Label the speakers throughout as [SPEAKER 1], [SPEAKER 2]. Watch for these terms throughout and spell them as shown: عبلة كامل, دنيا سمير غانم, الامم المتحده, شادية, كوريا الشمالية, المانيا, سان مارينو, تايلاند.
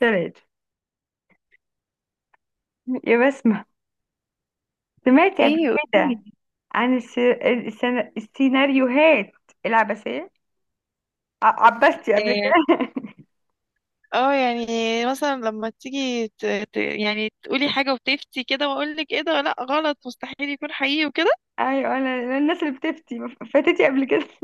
[SPEAKER 1] ثلاثة يا بسمة، سمعتي قبل
[SPEAKER 2] ايه
[SPEAKER 1] كده
[SPEAKER 2] قوليلي.
[SPEAKER 1] عن السيناريوهات العبثية؟ عبستي قبل
[SPEAKER 2] إيه،
[SPEAKER 1] كده؟
[SPEAKER 2] اه يعني مثلا لما تيجي يعني تقولي حاجة وتفتي كده واقول لك ايه ده، لا غلط، مستحيل يكون حقيقي وكده.
[SPEAKER 1] ايوه. أنا الناس اللي بتفتي فاتتي قبل كده؟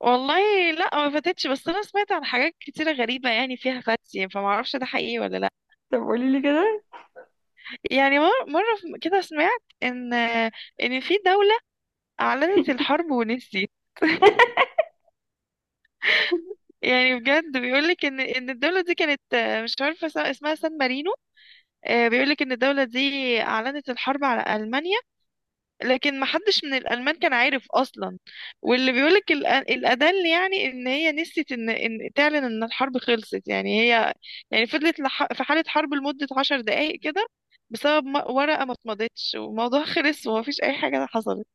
[SPEAKER 2] والله لا ما فاتتش، بس انا سمعت عن حاجات كتيرة غريبة يعني فيها فتي، فما اعرفش ده حقيقي ولا لا.
[SPEAKER 1] طب قولي لي كده.
[SPEAKER 2] يعني مرة كده سمعت ان في دولة اعلنت الحرب ونسيت. يعني بجد بيقولك ان الدوله دي كانت، مش عارفه اسمها، سان مارينو. بيقولك ان الدوله دي اعلنت الحرب على المانيا، لكن ما حدش من الألمان كان عارف أصلا. واللي بيقولك الأدل، يعني إن هي نسيت إن، إن تعلن إن الحرب خلصت. يعني هي يعني فضلت في حالة حرب لمدة 10 دقايق كده، بسبب ورقة ما اتمضتش، والموضوع خلص ومفيش أي حاجة حصلت.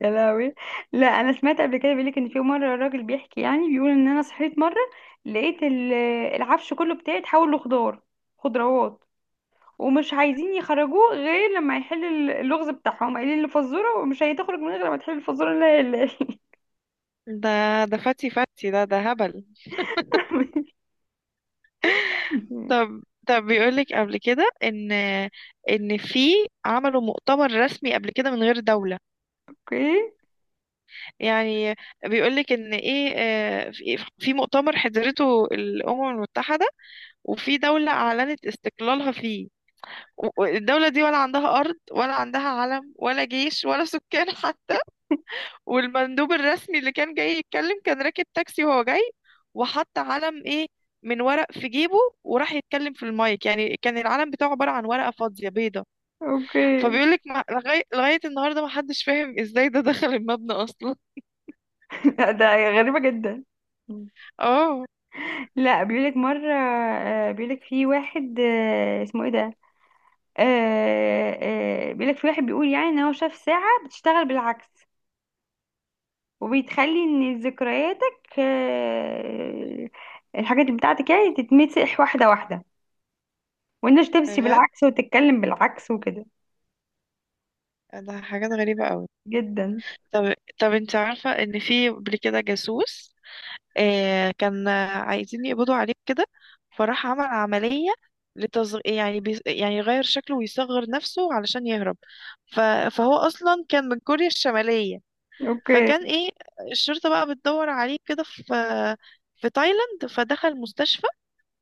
[SPEAKER 1] يا لهوي. لا، انا سمعت قبل كده بيقول لك ان في مره الراجل بيحكي، يعني بيقول ان انا صحيت مره، لقيت العفش كله بتاعي اتحول لخضار، خضروات، ومش عايزين يخرجوه غير لما يحل اللغز بتاعهم، قايلين الفزوره ومش هتخرج من غير لما تحل الفزوره. لا، لا.
[SPEAKER 2] ده ده فتي فتي، ده ده هبل. طب طب بيقولك قبل كده إن، إن في، عملوا مؤتمر رسمي قبل كده من غير دولة.
[SPEAKER 1] اوكي.
[SPEAKER 2] يعني بيقولك ان ايه، في مؤتمر حضرته الامم المتحده، وفي دوله اعلنت استقلالها فيه. الدوله دي ولا عندها ارض، ولا عندها علم، ولا جيش، ولا سكان حتى. والمندوب الرسمي اللي كان جاي يتكلم كان راكب تاكسي وهو جاي، وحط علم ايه، من ورق في جيبه، وراح يتكلم في المايك. يعني كان العلم بتاعه عباره عن ورقه فاضيه بيضه.
[SPEAKER 1] اوكي.
[SPEAKER 2] فبيقولك لغايه النهارده ما حدش فاهم ازاي ده دخل المبنى اصلا.
[SPEAKER 1] ده غريبة جدا.
[SPEAKER 2] اه،
[SPEAKER 1] لا، بيقولك في واحد، اسمه ايه ده، آه، بيقولك في واحد بيقول يعني ان هو شاف ساعة بتشتغل بالعكس، وبتخلي ان ذكرياتك، الحاجات اللي بتاعتك يعني تتمسح واحدة واحدة، وانك تمشي بالعكس وتتكلم بالعكس وكده.
[SPEAKER 2] ده حاجات غريبة قوي.
[SPEAKER 1] جدا.
[SPEAKER 2] طب طب انت عارفة ان في قبل كده جاسوس آه، كان عايزين يقبضوا عليه كده، فراح عمل عملية يعني يعني يغير شكله ويصغر نفسه علشان يهرب. ف... فهو اصلا كان من كوريا الشمالية.
[SPEAKER 1] اوكي.
[SPEAKER 2] فكان ايه، الشرطة بقى بتدور عليه كده في، في تايلاند، فدخل مستشفى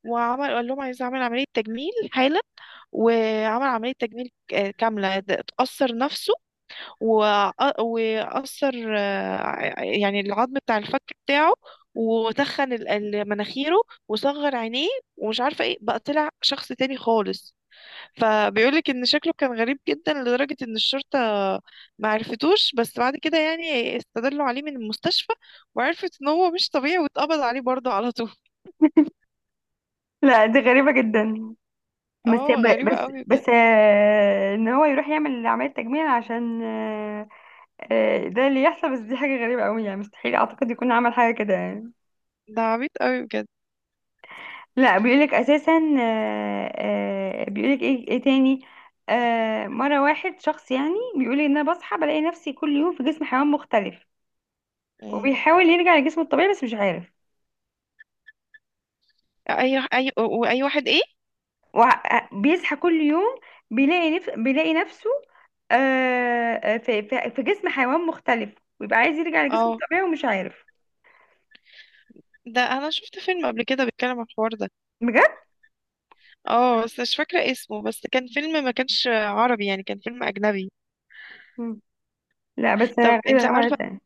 [SPEAKER 2] وعمل، قال لهم عايز اعمل عملية تجميل حالا. وعمل عملية تجميل كاملة، اتأثر نفسه، وأثر يعني العظم بتاع الفك بتاعه، وتخن مناخيره، وصغر عينيه، ومش عارفة ايه بقى، طلع شخص تاني خالص. فبيقولك ان شكله كان غريب جدا لدرجة ان الشرطة ما عرفتوش. بس بعد كده يعني استدلوا عليه من المستشفى، وعرفت ان هو مش طبيعي، واتقبض عليه برضه على طول.
[SPEAKER 1] لا، دي غريبة جدا. بس
[SPEAKER 2] اه
[SPEAKER 1] ب-
[SPEAKER 2] غريبة
[SPEAKER 1] بس
[SPEAKER 2] قوي بجد.
[SPEAKER 1] بس آه، ان هو يروح يعمل عملية تجميل عشان ده اللي يحصل، بس دي حاجة غريبة قوي يعني، مستحيل اعتقد يكون عمل حاجة كده يعني.
[SPEAKER 2] ده عبيط قوي بجد.
[SPEAKER 1] لا بيقولك اساسا، بيقولك ايه تاني، مرة واحد شخص يعني بيقولي ان انا بصحى بلاقي نفسي كل يوم في جسم حيوان مختلف،
[SPEAKER 2] مم.
[SPEAKER 1] وبيحاول يرجع لجسمه الطبيعي بس مش عارف،
[SPEAKER 2] اي اي واي واحد ايه.
[SPEAKER 1] وبيصحى كل يوم بيلاقي نفسه في في جسم حيوان مختلف، ويبقى عايز يرجع لجسمه
[SPEAKER 2] اه،
[SPEAKER 1] الطبيعي ومش عارف.
[SPEAKER 2] ده انا شفت فيلم قبل كده بيتكلم عن الحوار ده.
[SPEAKER 1] بجد؟
[SPEAKER 2] اه، بس مش فاكرة اسمه، بس كان فيلم ما كانش عربي، يعني كان فيلم أجنبي.
[SPEAKER 1] مم. لا بس انا
[SPEAKER 2] طب
[SPEAKER 1] غريبه
[SPEAKER 2] انت
[SPEAKER 1] أنا
[SPEAKER 2] عارفة،
[SPEAKER 1] مرة تانية.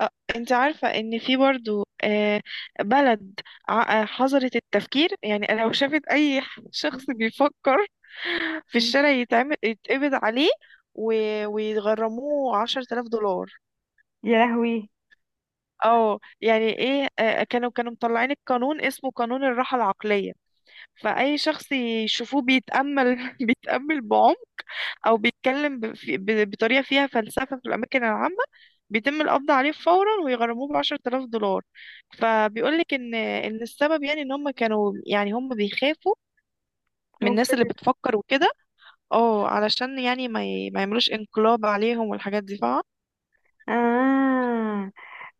[SPEAKER 2] آه، انت عارفة ان في برضو بلد حظرت التفكير، يعني لو شافت اي شخص بيفكر في
[SPEAKER 1] مم.
[SPEAKER 2] الشارع يتعمل يتقبض عليه، ويغرموه 10 آلاف دولار.
[SPEAKER 1] يا لهوي.
[SPEAKER 2] اه يعني ايه، كانوا مطلعين القانون، اسمه قانون الراحة العقلية. فأي شخص يشوفوه بيتأمل بيتأمل بعمق، او بيتكلم بطريقه فيها فلسفه في الاماكن العامه، بيتم القبض عليه فورا ويغرموه بـ10 آلاف دولار. فبيقول لك ان السبب، يعني ان هم كانوا، يعني هم بيخافوا من الناس اللي
[SPEAKER 1] ممكن.
[SPEAKER 2] بتفكر وكده. اه علشان يعني ما يعملوش انقلاب عليهم والحاجات دي، فاهمة.
[SPEAKER 1] اه.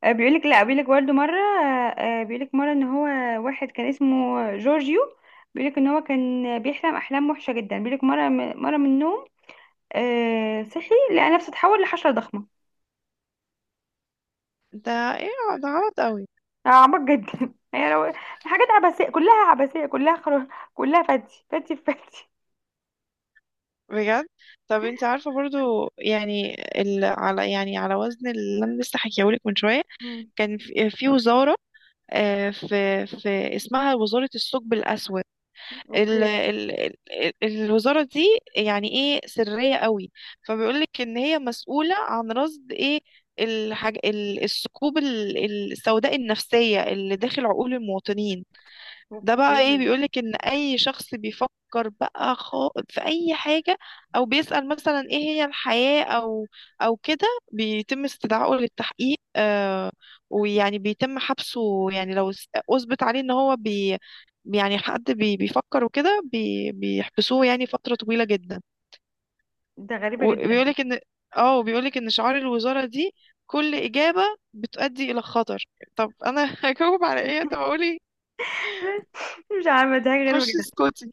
[SPEAKER 1] بيقولك لا، بيقولك برضه مرة، بيقولك مرة ان هو واحد كان اسمه جورجيو، بيقولك ان هو كان بيحلم احلام وحشة جدا، بيقولك مرة، مرة من النوم صحي لقى نفسه اتحول لحشرة ضخمة.
[SPEAKER 2] ده ايه، ده غلط قوي.
[SPEAKER 1] عميق جدا. هي لو الحاجات عبثية كلها، عبثية كلها كلها فتي فتي في فتي.
[SPEAKER 2] بجد. طب انت عارفه برضو يعني على، يعني على وزن اللي انا لسه حكيهولك من شويه،
[SPEAKER 1] مم.
[SPEAKER 2] كان في وزاره، في اسمها وزاره الثقب الاسود. ال
[SPEAKER 1] اوكي.
[SPEAKER 2] ال ال الوزارة دي يعني ايه سرية قوي. فبيقولك ان هي مسؤولة عن رصد ايه، الثقوب السوداء النفسية اللي داخل عقول المواطنين. ده بقى
[SPEAKER 1] اوكي.
[SPEAKER 2] ايه، بيقولك ان اي شخص بيفكر بقى في اي حاجة، او بيسأل مثلا ايه هي الحياة، او او كده، بيتم استدعائه للتحقيق آه، ويعني بيتم حبسه، يعني لو اثبت عليه ان هو يعني حد بيفكر وكده، بيحبسوه يعني فترة طويلة جدا.
[SPEAKER 1] ده غريبة جدا.
[SPEAKER 2] وبيقولك ان اه، وبيقولك ان شعار الوزارة دي، كل إجابة بتؤدي إلى خطر. طب أنا هجاوب على إيه؟ طب أقولي.
[SPEAKER 1] مش عارفة، دي حاجة غريبة
[SPEAKER 2] خشي
[SPEAKER 1] جدا.
[SPEAKER 2] اسكتي.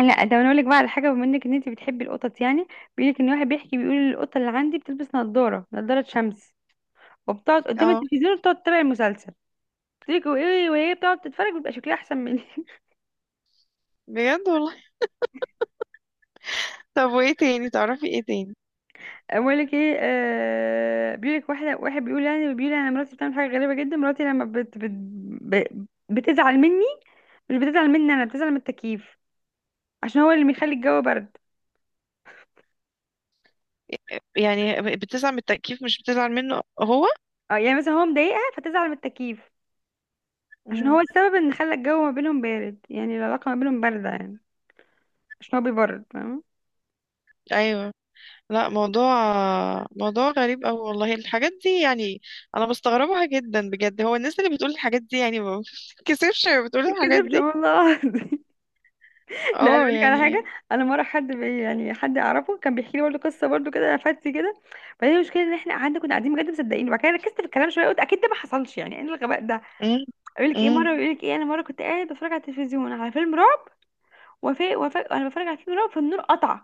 [SPEAKER 1] لا ده انا اقول لك بقى على حاجة، بما انك ان انت بتحبي القطط يعني، بيقول لك ان واحد بيحكي بيقول القطة اللي عندي بتلبس نظارة، نظارة شمس، وبتقعد قدام
[SPEAKER 2] اه
[SPEAKER 1] التلفزيون وبتقعد تتابع المسلسل. بتقول لك وايه وهي بتقعد تتفرج بيبقى شكلها احسن مني.
[SPEAKER 2] بجد والله. طب وايه تاني تعرفي ايه تاني.
[SPEAKER 1] بقولك ايه، آه، بيقولك واحد بيقول يعني، بيقول انا مراتي بتعمل حاجة غريبة جدا، مراتي لما بتزعل مني، مش بتزعل مني انا، بتزعل من التكييف عشان هو اللي بيخلي الجو برد.
[SPEAKER 2] يعني بتزعل من التكييف مش بتزعل منه هو.
[SPEAKER 1] اه يعني مثلا هو مضايقها فتزعل من التكييف عشان
[SPEAKER 2] مم.
[SPEAKER 1] هو السبب ان خلى الجو ما بينهم بارد، يعني العلاقة ما بينهم باردة يعني عشان هو بيبرد، فاهمة؟
[SPEAKER 2] ايوه. لا، موضوع غريب أوي والله، الحاجات دي يعني انا بستغربها جدا بجد. هو الناس اللي بتقول الحاجات دي يعني ما بتتكسفش بتقول الحاجات
[SPEAKER 1] متتكذبش
[SPEAKER 2] دي.
[SPEAKER 1] والله. لا انا
[SPEAKER 2] اه
[SPEAKER 1] بقول لك على حاجه،
[SPEAKER 2] يعني.
[SPEAKER 1] انا مره حد بي يعني حد اعرفه كان بيحكي لي برضه قصه برضه كده فاتي كده، بعدين المشكله ان احنا قعدنا كنا قاعدين بجد مصدقين، وبعد كده ركزت في الكلام شويه، قلت اكيد ده ما حصلش، يعني ايه الغباء ده.
[SPEAKER 2] امم.
[SPEAKER 1] اقول لك ايه،
[SPEAKER 2] امم.
[SPEAKER 1] مره بيقول لك ايه، انا مره كنت قاعد بتفرج على التلفزيون على فيلم رعب، وفي انا بتفرج على فيلم رعب فالنور قطع،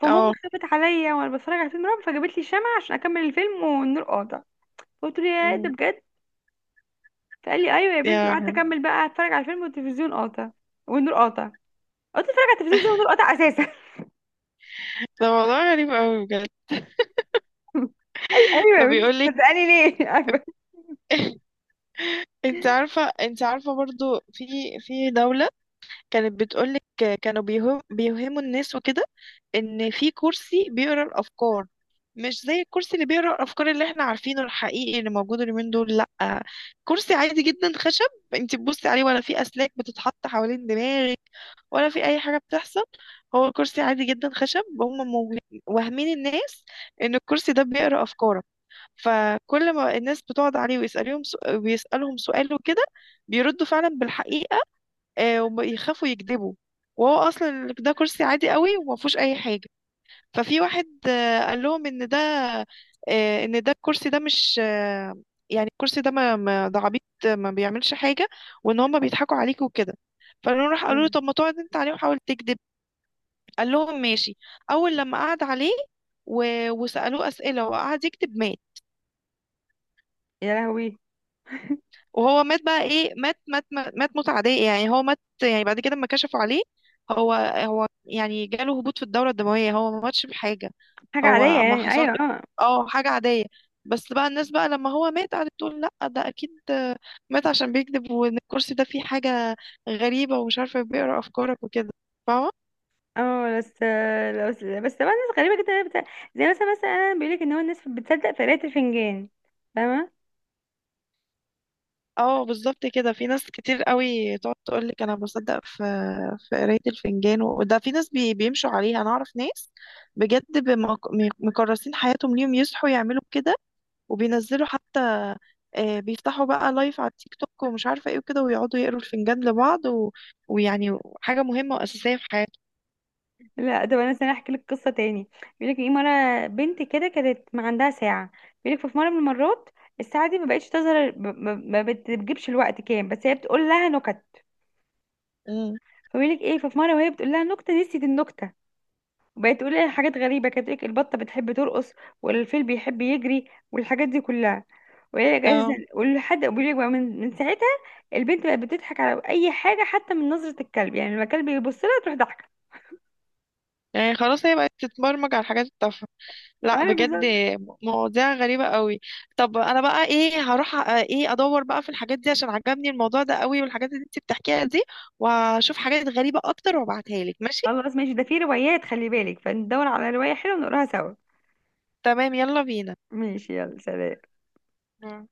[SPEAKER 1] فماما
[SPEAKER 2] اه.
[SPEAKER 1] خافت عليا وانا بتفرج على فيلم رعب فجابت لي شمع عشان اكمل الفيلم والنور قاطع. قلت له يا ده
[SPEAKER 2] مم.
[SPEAKER 1] بجد. فقال لي ايوه يا بنتي،
[SPEAKER 2] يا
[SPEAKER 1] قعدت
[SPEAKER 2] لهوي.
[SPEAKER 1] اكمل بقى اتفرج على الفيلم والتلفزيون قاطع والنور قاطع. قلت اتفرج على التلفزيون زي والنور قاطع اساسا.
[SPEAKER 2] ده موضوع غريب أوي بجد.
[SPEAKER 1] أي أيوة
[SPEAKER 2] طب
[SPEAKER 1] يا بنتي
[SPEAKER 2] بيقول لك،
[SPEAKER 1] صدقاني ليه عارفة؟
[SPEAKER 2] انت عارفه برضو في دوله كانت بتقول لك، كانوا بيوهموا الناس وكده ان في كرسي بيقرا الافكار. مش زي الكرسي اللي بيقرا الافكار اللي احنا عارفينه الحقيقي اللي موجود اليومين دول، لا، كرسي عادي جدا خشب. انت تبصي عليه، ولا في اسلاك بتتحط حوالين دماغك، ولا في اي حاجه بتحصل، هو كرسي عادي جدا خشب. هم واهمين الناس ان الكرسي ده بيقرا افكارك. فكل ما الناس بتقعد عليه ويسالهم ويسالهم سؤال وكده، بيردوا فعلا بالحقيقه، وبيخافوا يكذبوا. وهو اصلا ده كرسي عادي قوي وما فيهوش اي حاجه. ففي واحد قال لهم ان ده، ان ده الكرسي ده مش يعني الكرسي ده ده عبيط ما بيعملش حاجه، وان هم بيضحكوا عليك وكده. فقالوا، راح قالوا له طب ما تقعد انت عليه وحاول تكذب. قال لهم ماشي. اول لما قعد عليه و... وسالوه اسئله وقعد يكذب، مات.
[SPEAKER 1] يا لهوي.
[SPEAKER 2] وهو مات بقى ايه، مات موتة عادية. يعني هو مات يعني بعد كده لما كشفوا عليه، هو يعني جاله هبوط في الدورة الدموية، هو ما ماتش بحاجة.
[SPEAKER 1] حاجة عادية
[SPEAKER 2] هو ما
[SPEAKER 1] يعني.
[SPEAKER 2] حصل،
[SPEAKER 1] أيوة. اه.
[SPEAKER 2] اه حاجة عادية. بس بقى الناس بقى لما هو مات قعدت تقول لا، ده اكيد مات عشان بيكذب، وان الكرسي ده فيه حاجة غريبة ومش عارفة بيقرا افكارك وكده، فاهمة.
[SPEAKER 1] اه بس طبعا الناس غريبة جدا زي مثلا أنا، بيقولك إن هو الناس بتصدق في قراية الفنجان، فاهمة؟
[SPEAKER 2] اه بالظبط كده، في ناس كتير قوي تقعد تقول لك انا بصدق في قرايه الفنجان، وده في ناس بيمشوا عليها. انا اعرف ناس بجد مكرسين حياتهم ليهم، يصحوا يعملوا كده، وبينزلوا حتى بيفتحوا بقى لايف على التيك توك ومش عارفه ايه وكده، ويقعدوا يقروا الفنجان لبعض ويعني حاجه مهمه واساسيه في حياتهم.
[SPEAKER 1] لا طب أنا مثلا أحكي لك قصة تاني. بيقولك إيه مرة بنت كده كانت ما عندها ساعة، بيقولك في مرة من المرات الساعة دي ما بقتش تظهر ما بتجيبش الوقت كام، بس هي بتقول لها نكت.
[SPEAKER 2] امم.
[SPEAKER 1] فبيقولك إيه ففي مرة وهي بتقول لها نكتة نسيت النكتة، وبقت تقول لي حاجات غريبة، كانت تقولك البطة بتحب ترقص والفيل بيحب يجري والحاجات دي كلها. وهي اساسا
[SPEAKER 2] اه
[SPEAKER 1] ولحد بيقولك بقى من ساعتها البنت بقت بتضحك على اي حاجة حتى من نظرة الكلب، يعني لما الكلب يبص لها تروح ضحكة.
[SPEAKER 2] يعني خلاص هي بقت تتبرمج على الحاجات التافهه. لا
[SPEAKER 1] انا
[SPEAKER 2] بجد.
[SPEAKER 1] بالظبط.
[SPEAKER 2] مواضيع غريبة قوي. طب انا بقى ايه، هروح أ- ايه ادور بقى في الحاجات دي عشان عجبني الموضوع ده قوي والحاجات اللي انت بتحكيها دي، واشوف حاجات غريبة اكتر وابعتها لك ماشي.
[SPEAKER 1] خلاص ماشي، ده في روايات، خلي بالك فندور على رواية حلوة ونقراها سوا.
[SPEAKER 2] تمام يلا بينا.
[SPEAKER 1] ماشي، يلا سلام.
[SPEAKER 2] مم.